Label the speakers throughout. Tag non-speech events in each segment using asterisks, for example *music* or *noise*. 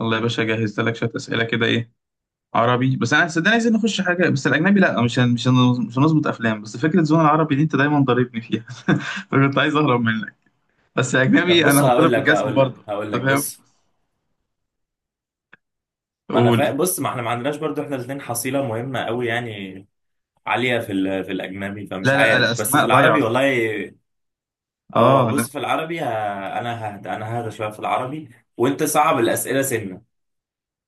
Speaker 1: الله يا باشا، جهزت لك شويه اسئله كده. ايه عربي بس، انا صدقني عايزين نخش حاجه، بس الاجنبي لا، مش هنظبط افلام. بس فكره زون العربي دي انت دايما ضاربني فيها. *laughs* فكنت عايز اهرب منك، بس
Speaker 2: طب
Speaker 1: اجنبي انا
Speaker 2: بص
Speaker 1: هضرب
Speaker 2: هقول لك
Speaker 1: الجزم
Speaker 2: هقول
Speaker 1: برضه.
Speaker 2: لك هقول
Speaker 1: انت
Speaker 2: لك
Speaker 1: فاهم؟
Speaker 2: بص ما انا فا...
Speaker 1: قول.
Speaker 2: بص ما احنا ما عندناش برضو احنا الاثنين حصيله مهمه قوي يعني عاليه في الاجنبي فمش
Speaker 1: لا لا،
Speaker 2: عارف بس في
Speaker 1: الاسماء
Speaker 2: العربي
Speaker 1: ضايعه.
Speaker 2: والله. اه
Speaker 1: اه لا.
Speaker 2: بص في العربي انا ههدى شويه في العربي، وانت صعب الاسئله سنه.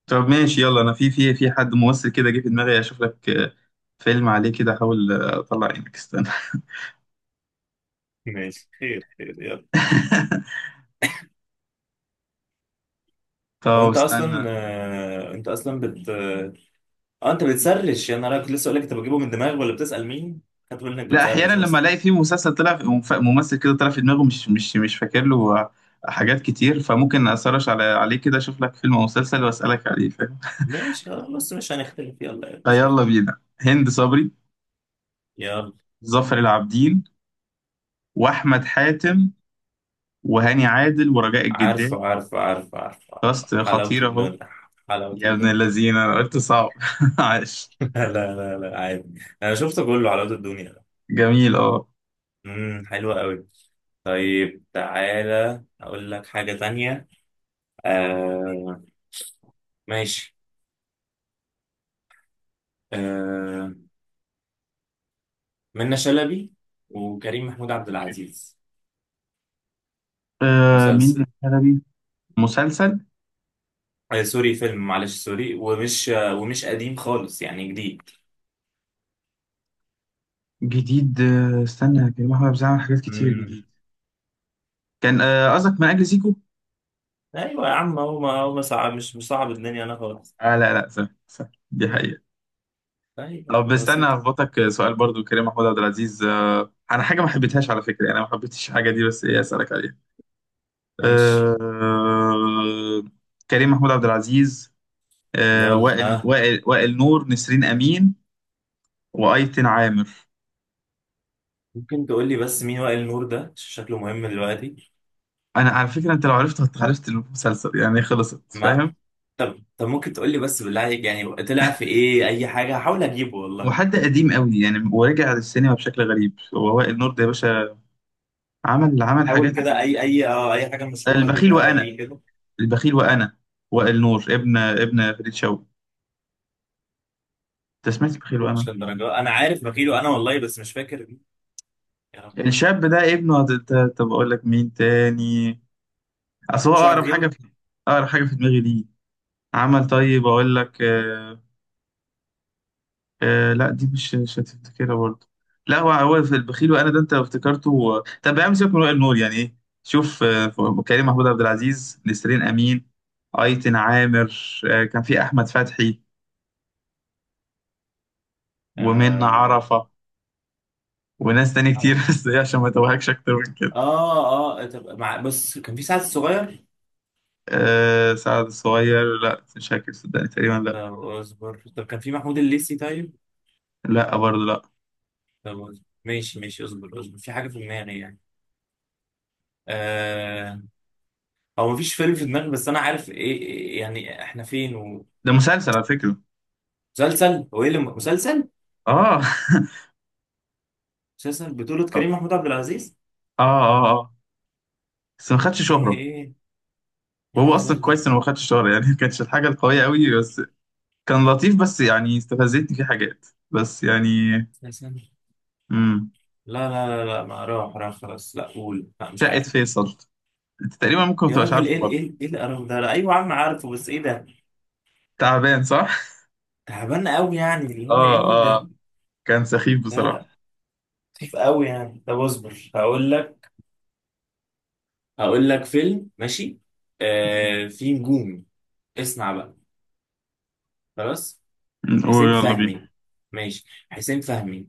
Speaker 1: طب ماشي يلا، انا في حد ممثل كده جه في دماغي اشوف لك. فيلم عليه كده احاول. اطلع عينك استنى.
Speaker 2: ماشي، خير خير يلا.
Speaker 1: *laughs*
Speaker 2: لو
Speaker 1: طب
Speaker 2: انت اصلا
Speaker 1: استنى.
Speaker 2: انت اصلا بت اه انت بتسرش، يا نهار أبيض، كنت لسه اقول لك انت بتجيبه من دماغك ولا بتسال مين؟ خدت بالك انك
Speaker 1: لا احيانا
Speaker 2: بتسرش
Speaker 1: لما
Speaker 2: اصلا.
Speaker 1: الاقي في مسلسل طلع ممثل كده طلع في دماغه، مش فاكر له حاجات كتير، فممكن اسرش على عليه كده اشوف لك فيلم او مسلسل واسالك عليه، فاهم؟
Speaker 2: ماشي خلاص، مش هنختلف يلا يا باشا.
Speaker 1: فيلا بينا. هند صبري،
Speaker 2: يلا.
Speaker 1: ظافر العابدين، واحمد حاتم، وهاني عادل ورجاء الجدال.
Speaker 2: عارفه عارفه عارفه عارفه عارفه.
Speaker 1: كاست
Speaker 2: حلاوة
Speaker 1: خطير اهو.
Speaker 2: الدنيا. حلاوة
Speaker 1: يا ابن
Speaker 2: الدنيا.
Speaker 1: الذين، انا قلت صعب. *laughs* عاش.
Speaker 2: *laughs* لا لا لا، عادي، أنا شفته كله، حلاوة الدنيا.
Speaker 1: جميل اه.
Speaker 2: حلوة قوي. طيب تعالى أقول لك حاجة تانية. آه. ماشي. آه. منة شلبي وكريم محمود عبد العزيز. مسلسل؟
Speaker 1: مين؟ الحلبي. مسلسل
Speaker 2: آه سوري، فيلم، معلش سوري، ومش قديم خالص يعني، جديد.
Speaker 1: جديد. استنى يا جماعة، هو بيعمل حاجات كتير
Speaker 2: امم
Speaker 1: جديد. كان، قصدك من اجل زيكو.
Speaker 2: أيوة يا عم، هو ما هو ما صعب، مش صعب الدنيا أنا خالص.
Speaker 1: آه لا لا، سهل سهل دي حقيقة.
Speaker 2: أيوة
Speaker 1: طب استنى
Speaker 2: بسيطة.
Speaker 1: هخبطك سؤال برضو. كريم محمود عبد العزيز، أنا حاجة ما حبيتهاش على فكرة، يعني أنا ما حبيتش الحاجة دي، بس إيه أسألك عليها.
Speaker 2: ماشي
Speaker 1: آه، كريم محمود عبد العزيز، آه،
Speaker 2: يلا،
Speaker 1: وائل
Speaker 2: ها.
Speaker 1: وائل وائل نور، نسرين أمين، وأيتن عامر.
Speaker 2: ممكن تقول لي بس مين وائل نور ده؟ شكله مهم دلوقتي.
Speaker 1: أنا على فكرة، أنت لو عرفت عرفت المسلسل يعني خلصت،
Speaker 2: ما
Speaker 1: فاهم؟
Speaker 2: طب ممكن تقول لي بس بالله عليك يعني طلع في ايه، اي حاجه هحاول اجيبه والله.
Speaker 1: وحد قديم قوي يعني، ورجع للسينما بشكل غريب، هو وائل نور ده يا باشا. عمل حاجات.
Speaker 2: حاول كده، اي حاجه مشهوره
Speaker 1: البخيل
Speaker 2: كده،
Speaker 1: وأنا.
Speaker 2: ليه كده.
Speaker 1: البخيل وأنا. وائل نور ابن فريد شوقي. أنت سمعت البخيل
Speaker 2: مش
Speaker 1: وأنا؟
Speaker 2: للدرجه، انا عارف بخيله انا والله، بس مش فاكر مين. يا رب.
Speaker 1: يعني الشاب ده ابنه. طب أقول لك مين تاني. أصل هو
Speaker 2: مش واحد
Speaker 1: أقرب حاجة
Speaker 2: غيره؟
Speaker 1: في، أقرب حاجة في دماغي ليه. عمل. طيب أقول لك آه. آه لا، دي مش هتفتكرها برضه. لا، هو هو في البخيل وأنا ده، أنت افتكرته. طب يا عم سيبك من وائل نور يعني. إيه، شوف. كريم محمود عبد العزيز، نسرين أمين، أيتن عامر، آه كان في أحمد فتحي، ومنة
Speaker 2: اه
Speaker 1: عرفة، وناس تاني كتير. *laughs*
Speaker 2: عارفة.
Speaker 1: بس إيه، عشان ما توهكش أكتر من كده.
Speaker 2: اه طب مع بس، كان في سعد الصغير.
Speaker 1: آه سعد الصغير، لا مش فاكر صدقني، تقريبا لا.
Speaker 2: طب اصبر، طب كان في محمود الليثي طيب.
Speaker 1: لا برضه لا.
Speaker 2: طب اصبر. ماشي ماشي، اصبر اصبر، في حاجه في دماغي يعني. آه، هو مفيش فيلم في دماغي، بس انا عارف ايه، يعني احنا فين.
Speaker 1: ده مسلسل على فكرة.
Speaker 2: ومسلسل، هو ايه اللي مسلسل؟
Speaker 1: اه. *laughs*
Speaker 2: مسلسل بطولة
Speaker 1: اه
Speaker 2: كريم محمود عبد العزيز.
Speaker 1: اه اه بس ما خدش
Speaker 2: ايه
Speaker 1: شهرة.
Speaker 2: ايه ايه، إيه
Speaker 1: وهو
Speaker 2: الهزار
Speaker 1: اصلا
Speaker 2: ده؟
Speaker 1: كويس انه ما خدش شهرة يعني. *laughs* ما كانتش الحاجة القوية قوي، بس كان لطيف، بس يعني استفزتني فيه حاجات بس يعني.
Speaker 2: مسلسل؟
Speaker 1: امم.
Speaker 2: لا لا لا لا، ما راح خلاص، لا قول، لا مش
Speaker 1: شقة
Speaker 2: عارف.
Speaker 1: فيصل. انت تقريبا ممكن ما
Speaker 2: يا
Speaker 1: تبقاش
Speaker 2: راجل
Speaker 1: عارفه برضه.
Speaker 2: ايه القرف ده؟ لا، ايوه يا عم عارفه، بس ايه ده؟
Speaker 1: تعبان صح؟
Speaker 2: تعبان قوي يعني، اللي هو
Speaker 1: اه.
Speaker 2: ايه ده.
Speaker 1: اه، كان سخيف
Speaker 2: لا
Speaker 1: بصراحة.
Speaker 2: لا، خفيف قوي يعني. طب اصبر هقول لك. هقول لك فيلم ماشي.
Speaker 1: مم.
Speaker 2: آه، في نجوم. اسمع بقى. خلاص. حسين
Speaker 1: ويلا بينا.
Speaker 2: فهمي. ماشي. حسين فهمي.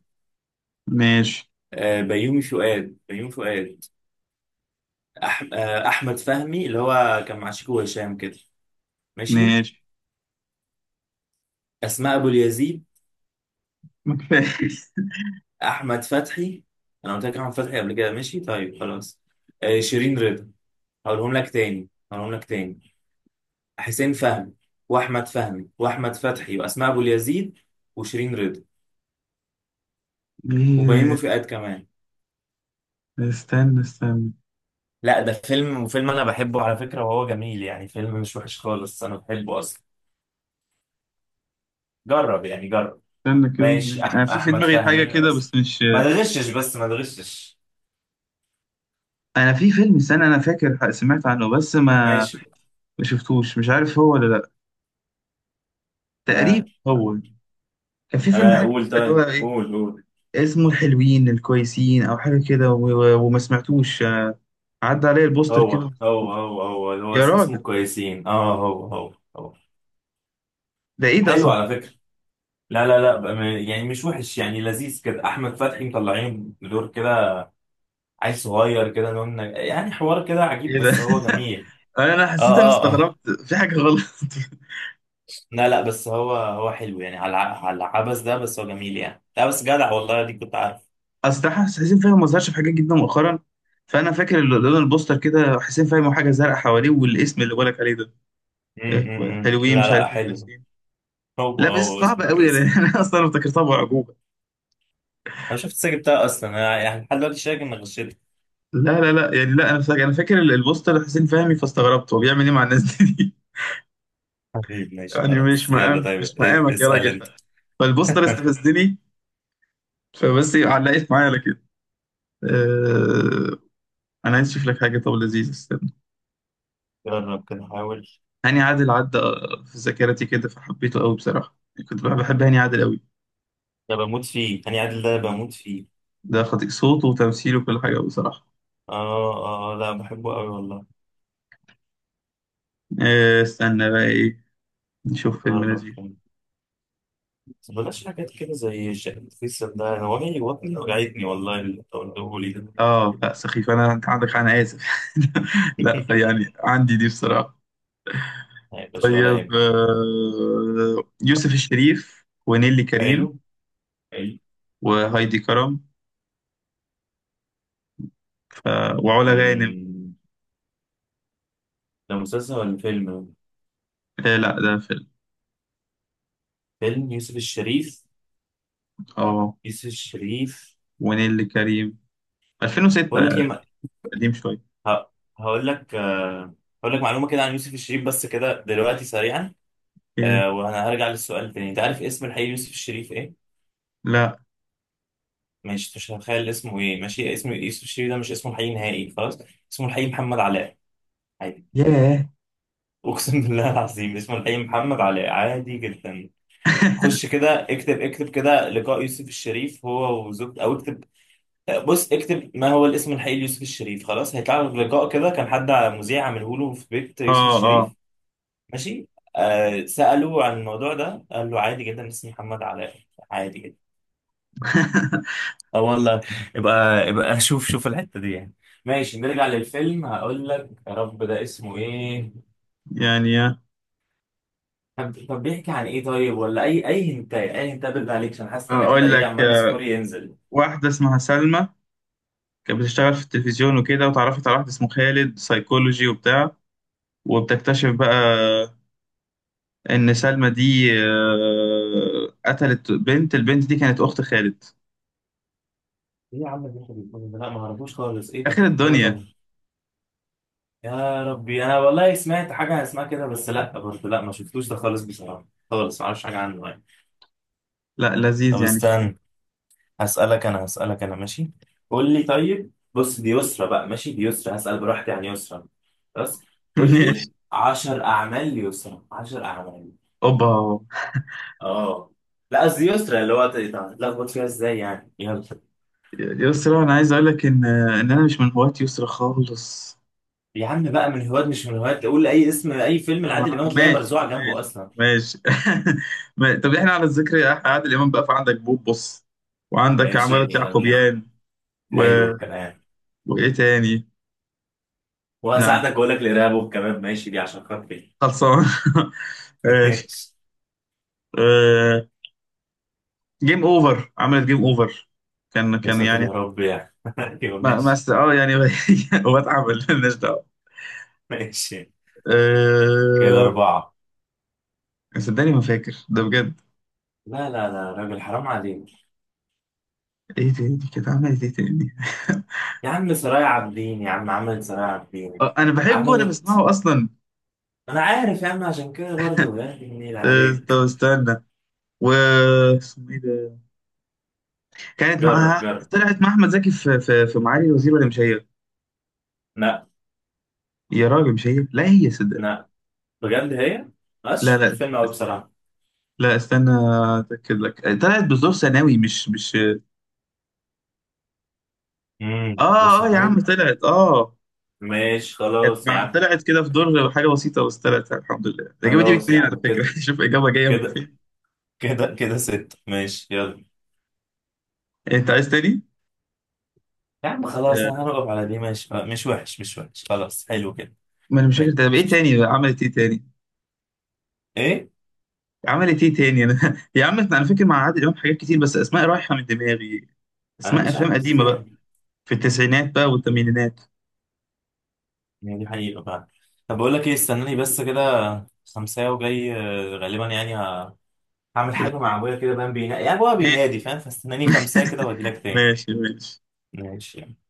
Speaker 1: ماشي.
Speaker 2: بيومي فؤاد. أح... آه، احمد فهمي، اللي هو كان مع شيكو وهشام كده. ماشي.
Speaker 1: ماشي
Speaker 2: اسماء ابو اليزيد.
Speaker 1: ما كفاية. *laughs*
Speaker 2: احمد فتحي. انا قلت لك احمد فتحي قبل كده، ماشي طيب خلاص. شيرين رضا. هقولهم لك تاني. حسين فهمي، واحمد فهمي، واحمد فتحي، واسماء ابو اليزيد، وشيرين رضا،
Speaker 1: ايه،
Speaker 2: وبيومي فؤاد كمان.
Speaker 1: استنى، استنى
Speaker 2: لا، ده فيلم، وفيلم انا بحبه على فكرة، وهو جميل يعني، فيلم مش وحش خالص، انا بحبه اصلا. جرب يعني، جرب.
Speaker 1: استنى كده، يعني
Speaker 2: ماشي
Speaker 1: انا
Speaker 2: أحمد
Speaker 1: في في
Speaker 2: أحمد
Speaker 1: دماغي حاجه
Speaker 2: فهمي،
Speaker 1: كده بس
Speaker 2: وأسر.
Speaker 1: مش.
Speaker 2: ما تغشش، بس ما تغشش.
Speaker 1: انا في فيلم، استنى انا فاكر، سمعت عنه بس ما
Speaker 2: ماشي.
Speaker 1: ما شفتوش، مش عارف هو ولا لا. تقريبا
Speaker 2: آه
Speaker 1: هو. كان في فيلم حاجه
Speaker 2: قول،
Speaker 1: كده، اللي هو
Speaker 2: طيب
Speaker 1: ايه
Speaker 2: قول قول.
Speaker 1: اسمه، الحلوين الكويسين او حاجه كده، وما سمعتوش، عدى عليا البوستر كده
Speaker 2: هو
Speaker 1: وما
Speaker 2: هو
Speaker 1: سمعتوش.
Speaker 2: هو هو اللي هو
Speaker 1: يا
Speaker 2: اسمه
Speaker 1: راجل
Speaker 2: كويسين، اه هو هو هو.
Speaker 1: ده ايه ده
Speaker 2: حلو
Speaker 1: اصلا؟
Speaker 2: على فكرة. لا لا لا يعني مش وحش يعني، لذيذ كده، أحمد فتحي مطلعين بدور كده عيل صغير كده، نون، يعني حوار كده عجيب،
Speaker 1: ايه ده؟
Speaker 2: بس هو جميل.
Speaker 1: *laughs* أنا
Speaker 2: اه
Speaker 1: حسيت، انا
Speaker 2: اه اه.
Speaker 1: استغربت في حاجه غلط.
Speaker 2: لا لا، بس هو هو حلو يعني، على على العبث ده، بس هو جميل يعني، لا بس جدع والله، دي كنت عارف.
Speaker 1: *laughs* اصل ده حسين فاهم ما ظهرش في حاجات جدا مؤخرا، فانا فاكر اللي لون البوستر كده حسين فاهم حاجه زرقاء حواليه، والاسم اللي بقولك عليه ده إيه، حلوين
Speaker 2: لا
Speaker 1: مش
Speaker 2: لا
Speaker 1: عارف ايه،
Speaker 2: حلو.
Speaker 1: كويسين.
Speaker 2: هو
Speaker 1: لا بس
Speaker 2: هو
Speaker 1: صعب
Speaker 2: اسمه
Speaker 1: قوي يعني.
Speaker 2: كويس
Speaker 1: *laughs*
Speaker 2: يعني.
Speaker 1: انا اصلا افتكرتها بعجوبه.
Speaker 2: انا شفت الساجة بتاعه اصلا، انا يعني لحد دلوقتي شايف اني غشيت.
Speaker 1: لا يعني، لا انا فاكر، انا فاكر البوستر حسين فهمي، فاستغربت هو بيعمل ايه مع الناس دي.
Speaker 2: حبيبي
Speaker 1: *laughs*
Speaker 2: ماشي
Speaker 1: يعني
Speaker 2: خلاص يلا، طيب
Speaker 1: مش مقامك يا
Speaker 2: اسال
Speaker 1: راجل،
Speaker 2: انت.
Speaker 1: فالبوستر
Speaker 2: *laughs*
Speaker 1: استفزني، فبس علقت معايا على كده. أه... انا عايز اشوف لك حاجه طب لذيذه، استنى.
Speaker 2: جرب كده، حاول.
Speaker 1: هاني عادل عدى في ذاكرتي كده، فحبيته قوي بصراحه. كنت بحب هاني عادل قوي.
Speaker 2: ده بموت فيه هاني عادل، ده بموت فيه.
Speaker 1: ده خطيء، صوته وتمثيله وكل حاجه بصراحه.
Speaker 2: اه اه، لا بحبه قوي والله.
Speaker 1: استنى بقى ايه، نشوف فيلم
Speaker 2: جرب
Speaker 1: لذيذ.
Speaker 2: كده. بس بلاش حاجات كده، زي الشقة الفيصل ده، هو هي وطني وجعتني والله اللي تقوله لي ده.
Speaker 1: اه لا سخيف انا، انت عندك حق، انا اسف. *laughs* لا
Speaker 2: *laughs*
Speaker 1: فيعني عندي دي بصراحه.
Speaker 2: هيبقى شغل
Speaker 1: طيب،
Speaker 2: يهمك.
Speaker 1: يوسف الشريف ونيلي كريم،
Speaker 2: حلو. حلو.
Speaker 1: وهايدي كرم، ف... وعلا غانم.
Speaker 2: أمم، ده مسلسل ولا فيلم؟
Speaker 1: آه لا ده فيلم.
Speaker 2: فيلم. يوسف الشريف.
Speaker 1: اه،
Speaker 2: يوسف الشريف.
Speaker 1: ونيلي كريم، 2006
Speaker 2: بقول لك
Speaker 1: يعني
Speaker 2: ايه،
Speaker 1: قديم شويه.
Speaker 2: ه- هقول لك، هقول لك معلومة كده عن يوسف الشريف بس كده دلوقتي، سريعا.
Speaker 1: إيه
Speaker 2: وأنا هرجع للسؤال تاني. أنت عارف اسم الحقيقي يوسف الشريف إيه؟
Speaker 1: لا.
Speaker 2: مش هتخيل اسمه إيه، ماشي. اسم يوسف الشريف ده مش اسمه الحقيقي نهائي، خلاص. اسمه الحقيقي محمد علاء، عادي.
Speaker 1: ياه.
Speaker 2: أقسم بالله العظيم، اسمه الحقيقي محمد علاء، عادي جدا. خش
Speaker 1: *laughs*
Speaker 2: كده، اكتب اكتب كده لقاء يوسف الشريف هو وزوجته، أو اكتب بص، اكتب ما هو الاسم الحقيقي ليوسف الشريف، خلاص هيطلع لك لقاء كده، كان حد مذيع عامله له في بيت يوسف
Speaker 1: اه اه.
Speaker 2: الشريف. ماشي. آه سألوه عن الموضوع ده، قال له عادي جدا اسمي محمد علاء، عادي جدا.
Speaker 1: *laughs*
Speaker 2: اه والله. يبقى يبقى *laughs* شوف شوف الحتة دي يعني. ماشي، نرجع للفيلم هقول لك، يا رب ده اسمه ايه.
Speaker 1: يعني،
Speaker 2: طب طب بيحكي عن ايه طيب، ولا اي اي هنتاي، اي هنتاي بالله عليك، عشان حاسس ان انا كده
Speaker 1: اقول
Speaker 2: ايه،
Speaker 1: لك،
Speaker 2: عمال سكوري ينزل.
Speaker 1: واحده اسمها سلمى، كانت بتشتغل في التلفزيون وكده، وتعرفت على واحد اسمه خالد سايكولوجي وبتاع، وبتكتشف بقى ان سلمى دي، قتلت بنت. البنت دي كانت اخت خالد.
Speaker 2: ايه يا عم اللي انت بتقوله ده، لا ما اعرفوش خالص، ايه ده،
Speaker 1: اخر
Speaker 2: لا
Speaker 1: الدنيا.
Speaker 2: طبعا. يا ربي، انا والله سمعت حاجة اسمها كده، بس لا برضه لا، ما شفتوش ده خالص بصراحة، خالص ما اعرفش حاجة عنه يعني.
Speaker 1: لا
Speaker 2: طب
Speaker 1: لذيذ يعني في.
Speaker 2: استنى، هسألك أنا هسألك أنا، ماشي. قول لي طيب، بص دي يسرى بقى، ماشي، دي يسرى هسأل براحتي عن يسرى بس.
Speaker 1: *laughs*
Speaker 2: قول لي
Speaker 1: ماشي.
Speaker 2: 10 أعمال ليسرى، 10 أعمال.
Speaker 1: اوبا.
Speaker 2: آه لا قصدي يسرى، اللي هو تلخبط فيها إزاي يعني، يلا.
Speaker 1: يسرا، انا عايز اقول لك ان انا مش من هواة يسرا خالص.
Speaker 2: يا عم بقى، من هواة مش من هواة، قول أي اسم، أي فيلم لعادل إمام
Speaker 1: طبعا،
Speaker 2: هتلاقيها
Speaker 1: ماشي
Speaker 2: مرزوعة جنبه
Speaker 1: ماشي
Speaker 2: أصلا.
Speaker 1: ماشي. *laughs* طب احنا على الذكر، احنا عادل امام بقى، فعندك بوبس، وعندك
Speaker 2: ماشي
Speaker 1: عمارة
Speaker 2: يلا.
Speaker 1: يعقوبيان، و...
Speaker 2: حلو الكلام.
Speaker 1: وايه تاني. لا
Speaker 2: وهساعدك، أقول لك الإرهاب والكباب، ماشي دي عشان خاطري.
Speaker 1: خلصان. *laughs*
Speaker 2: *laughs*
Speaker 1: ماشي.
Speaker 2: ماشي.
Speaker 1: آه، جيم اوفر، عملت جيم اوفر. كان
Speaker 2: يا
Speaker 1: كان
Speaker 2: ساتر
Speaker 1: يعني،
Speaker 2: يا رب يعني، *laughs* أيوه
Speaker 1: ما ما
Speaker 2: ماشي.
Speaker 1: است... اه يعني. *laughs* واتعب مالناش دعوه.
Speaker 2: ماشي، كده
Speaker 1: أه...
Speaker 2: أربعة.
Speaker 1: صدقني ما فاكر ده بجد.
Speaker 2: لا لا لا، راجل حرام عليك.
Speaker 1: ايه تاني كانت؟ عملت ايه تاني؟
Speaker 2: يا عم سرايا عابدين، يا عم عملت سرايا
Speaker 1: *laughs*
Speaker 2: عابدين.
Speaker 1: انا بحبه وانا
Speaker 2: عملت.
Speaker 1: بسمعه اصلا.
Speaker 2: انا عارف يا عم، عشان كده برضه يا أخي النيل
Speaker 1: طب
Speaker 2: عليك.
Speaker 1: استنى، و اسمه ايه ده. كانت
Speaker 2: جرب
Speaker 1: معاها
Speaker 2: جرب.
Speaker 1: طلعت مع احمد زكي في معالي الوزير، ولا مش هي؟
Speaker 2: لا
Speaker 1: يا راجل مش هي، لا هي صدقني.
Speaker 2: لا، بجد هي. بس
Speaker 1: لا
Speaker 2: شوف
Speaker 1: لا،
Speaker 2: الفيلم قوي بصراحة.
Speaker 1: لا استنى اتاكد لك. طلعت بظروف ثانوي، مش.
Speaker 2: بص
Speaker 1: اه اه يا
Speaker 2: ثانوي.
Speaker 1: عم طلعت اه.
Speaker 2: ماشي
Speaker 1: كانت
Speaker 2: خلاص يا
Speaker 1: مع...
Speaker 2: عم.
Speaker 1: طلعت كده في دور حاجة بسيطة، بس طلعت الحمد لله. الإجابة دي
Speaker 2: خلاص يا
Speaker 1: بكتير على
Speaker 2: عم،
Speaker 1: فكرة.
Speaker 2: كده
Speaker 1: *laughs* شوف إجابة جاية من
Speaker 2: كده،
Speaker 1: فين.
Speaker 2: كده ست، ماشي يلا.
Speaker 1: أنت عايز تاني؟
Speaker 2: يا عم خلاص، انا
Speaker 1: آه.
Speaker 2: هنقف على دي، ماشي، مش وحش مش وحش، خلاص حلو كده.
Speaker 1: ما أنا مش فاكر،
Speaker 2: حلو.
Speaker 1: طب إيه تاني بقى؟ عملت إيه تاني؟
Speaker 2: ايه.
Speaker 1: عملت إيه تاني أنا. *laughs* يا عم أنا فاكر مع عادل إمام حاجات كتير، بس أسماء رايحة من دماغي.
Speaker 2: انا
Speaker 1: أسماء
Speaker 2: مش عارف
Speaker 1: أفلام قديمة بقى،
Speaker 2: ازاي.
Speaker 1: في التسعينات بقى والثمانينات.
Speaker 2: يعني دي حقيقة بقى. طب بقول لك ايه، استناني بس كده خمسة، وجاي غالبا يعني، هعمل حاجة مع
Speaker 1: أوكي
Speaker 2: أبويا كده، بقى بينا... يعني أبويا
Speaker 1: ماشي.
Speaker 2: بينادي فاهم، فاستناني خمسة كده وأجيلك
Speaker 1: *laughs*
Speaker 2: تاني.
Speaker 1: ماشي ماشي.
Speaker 2: ماشي يعني.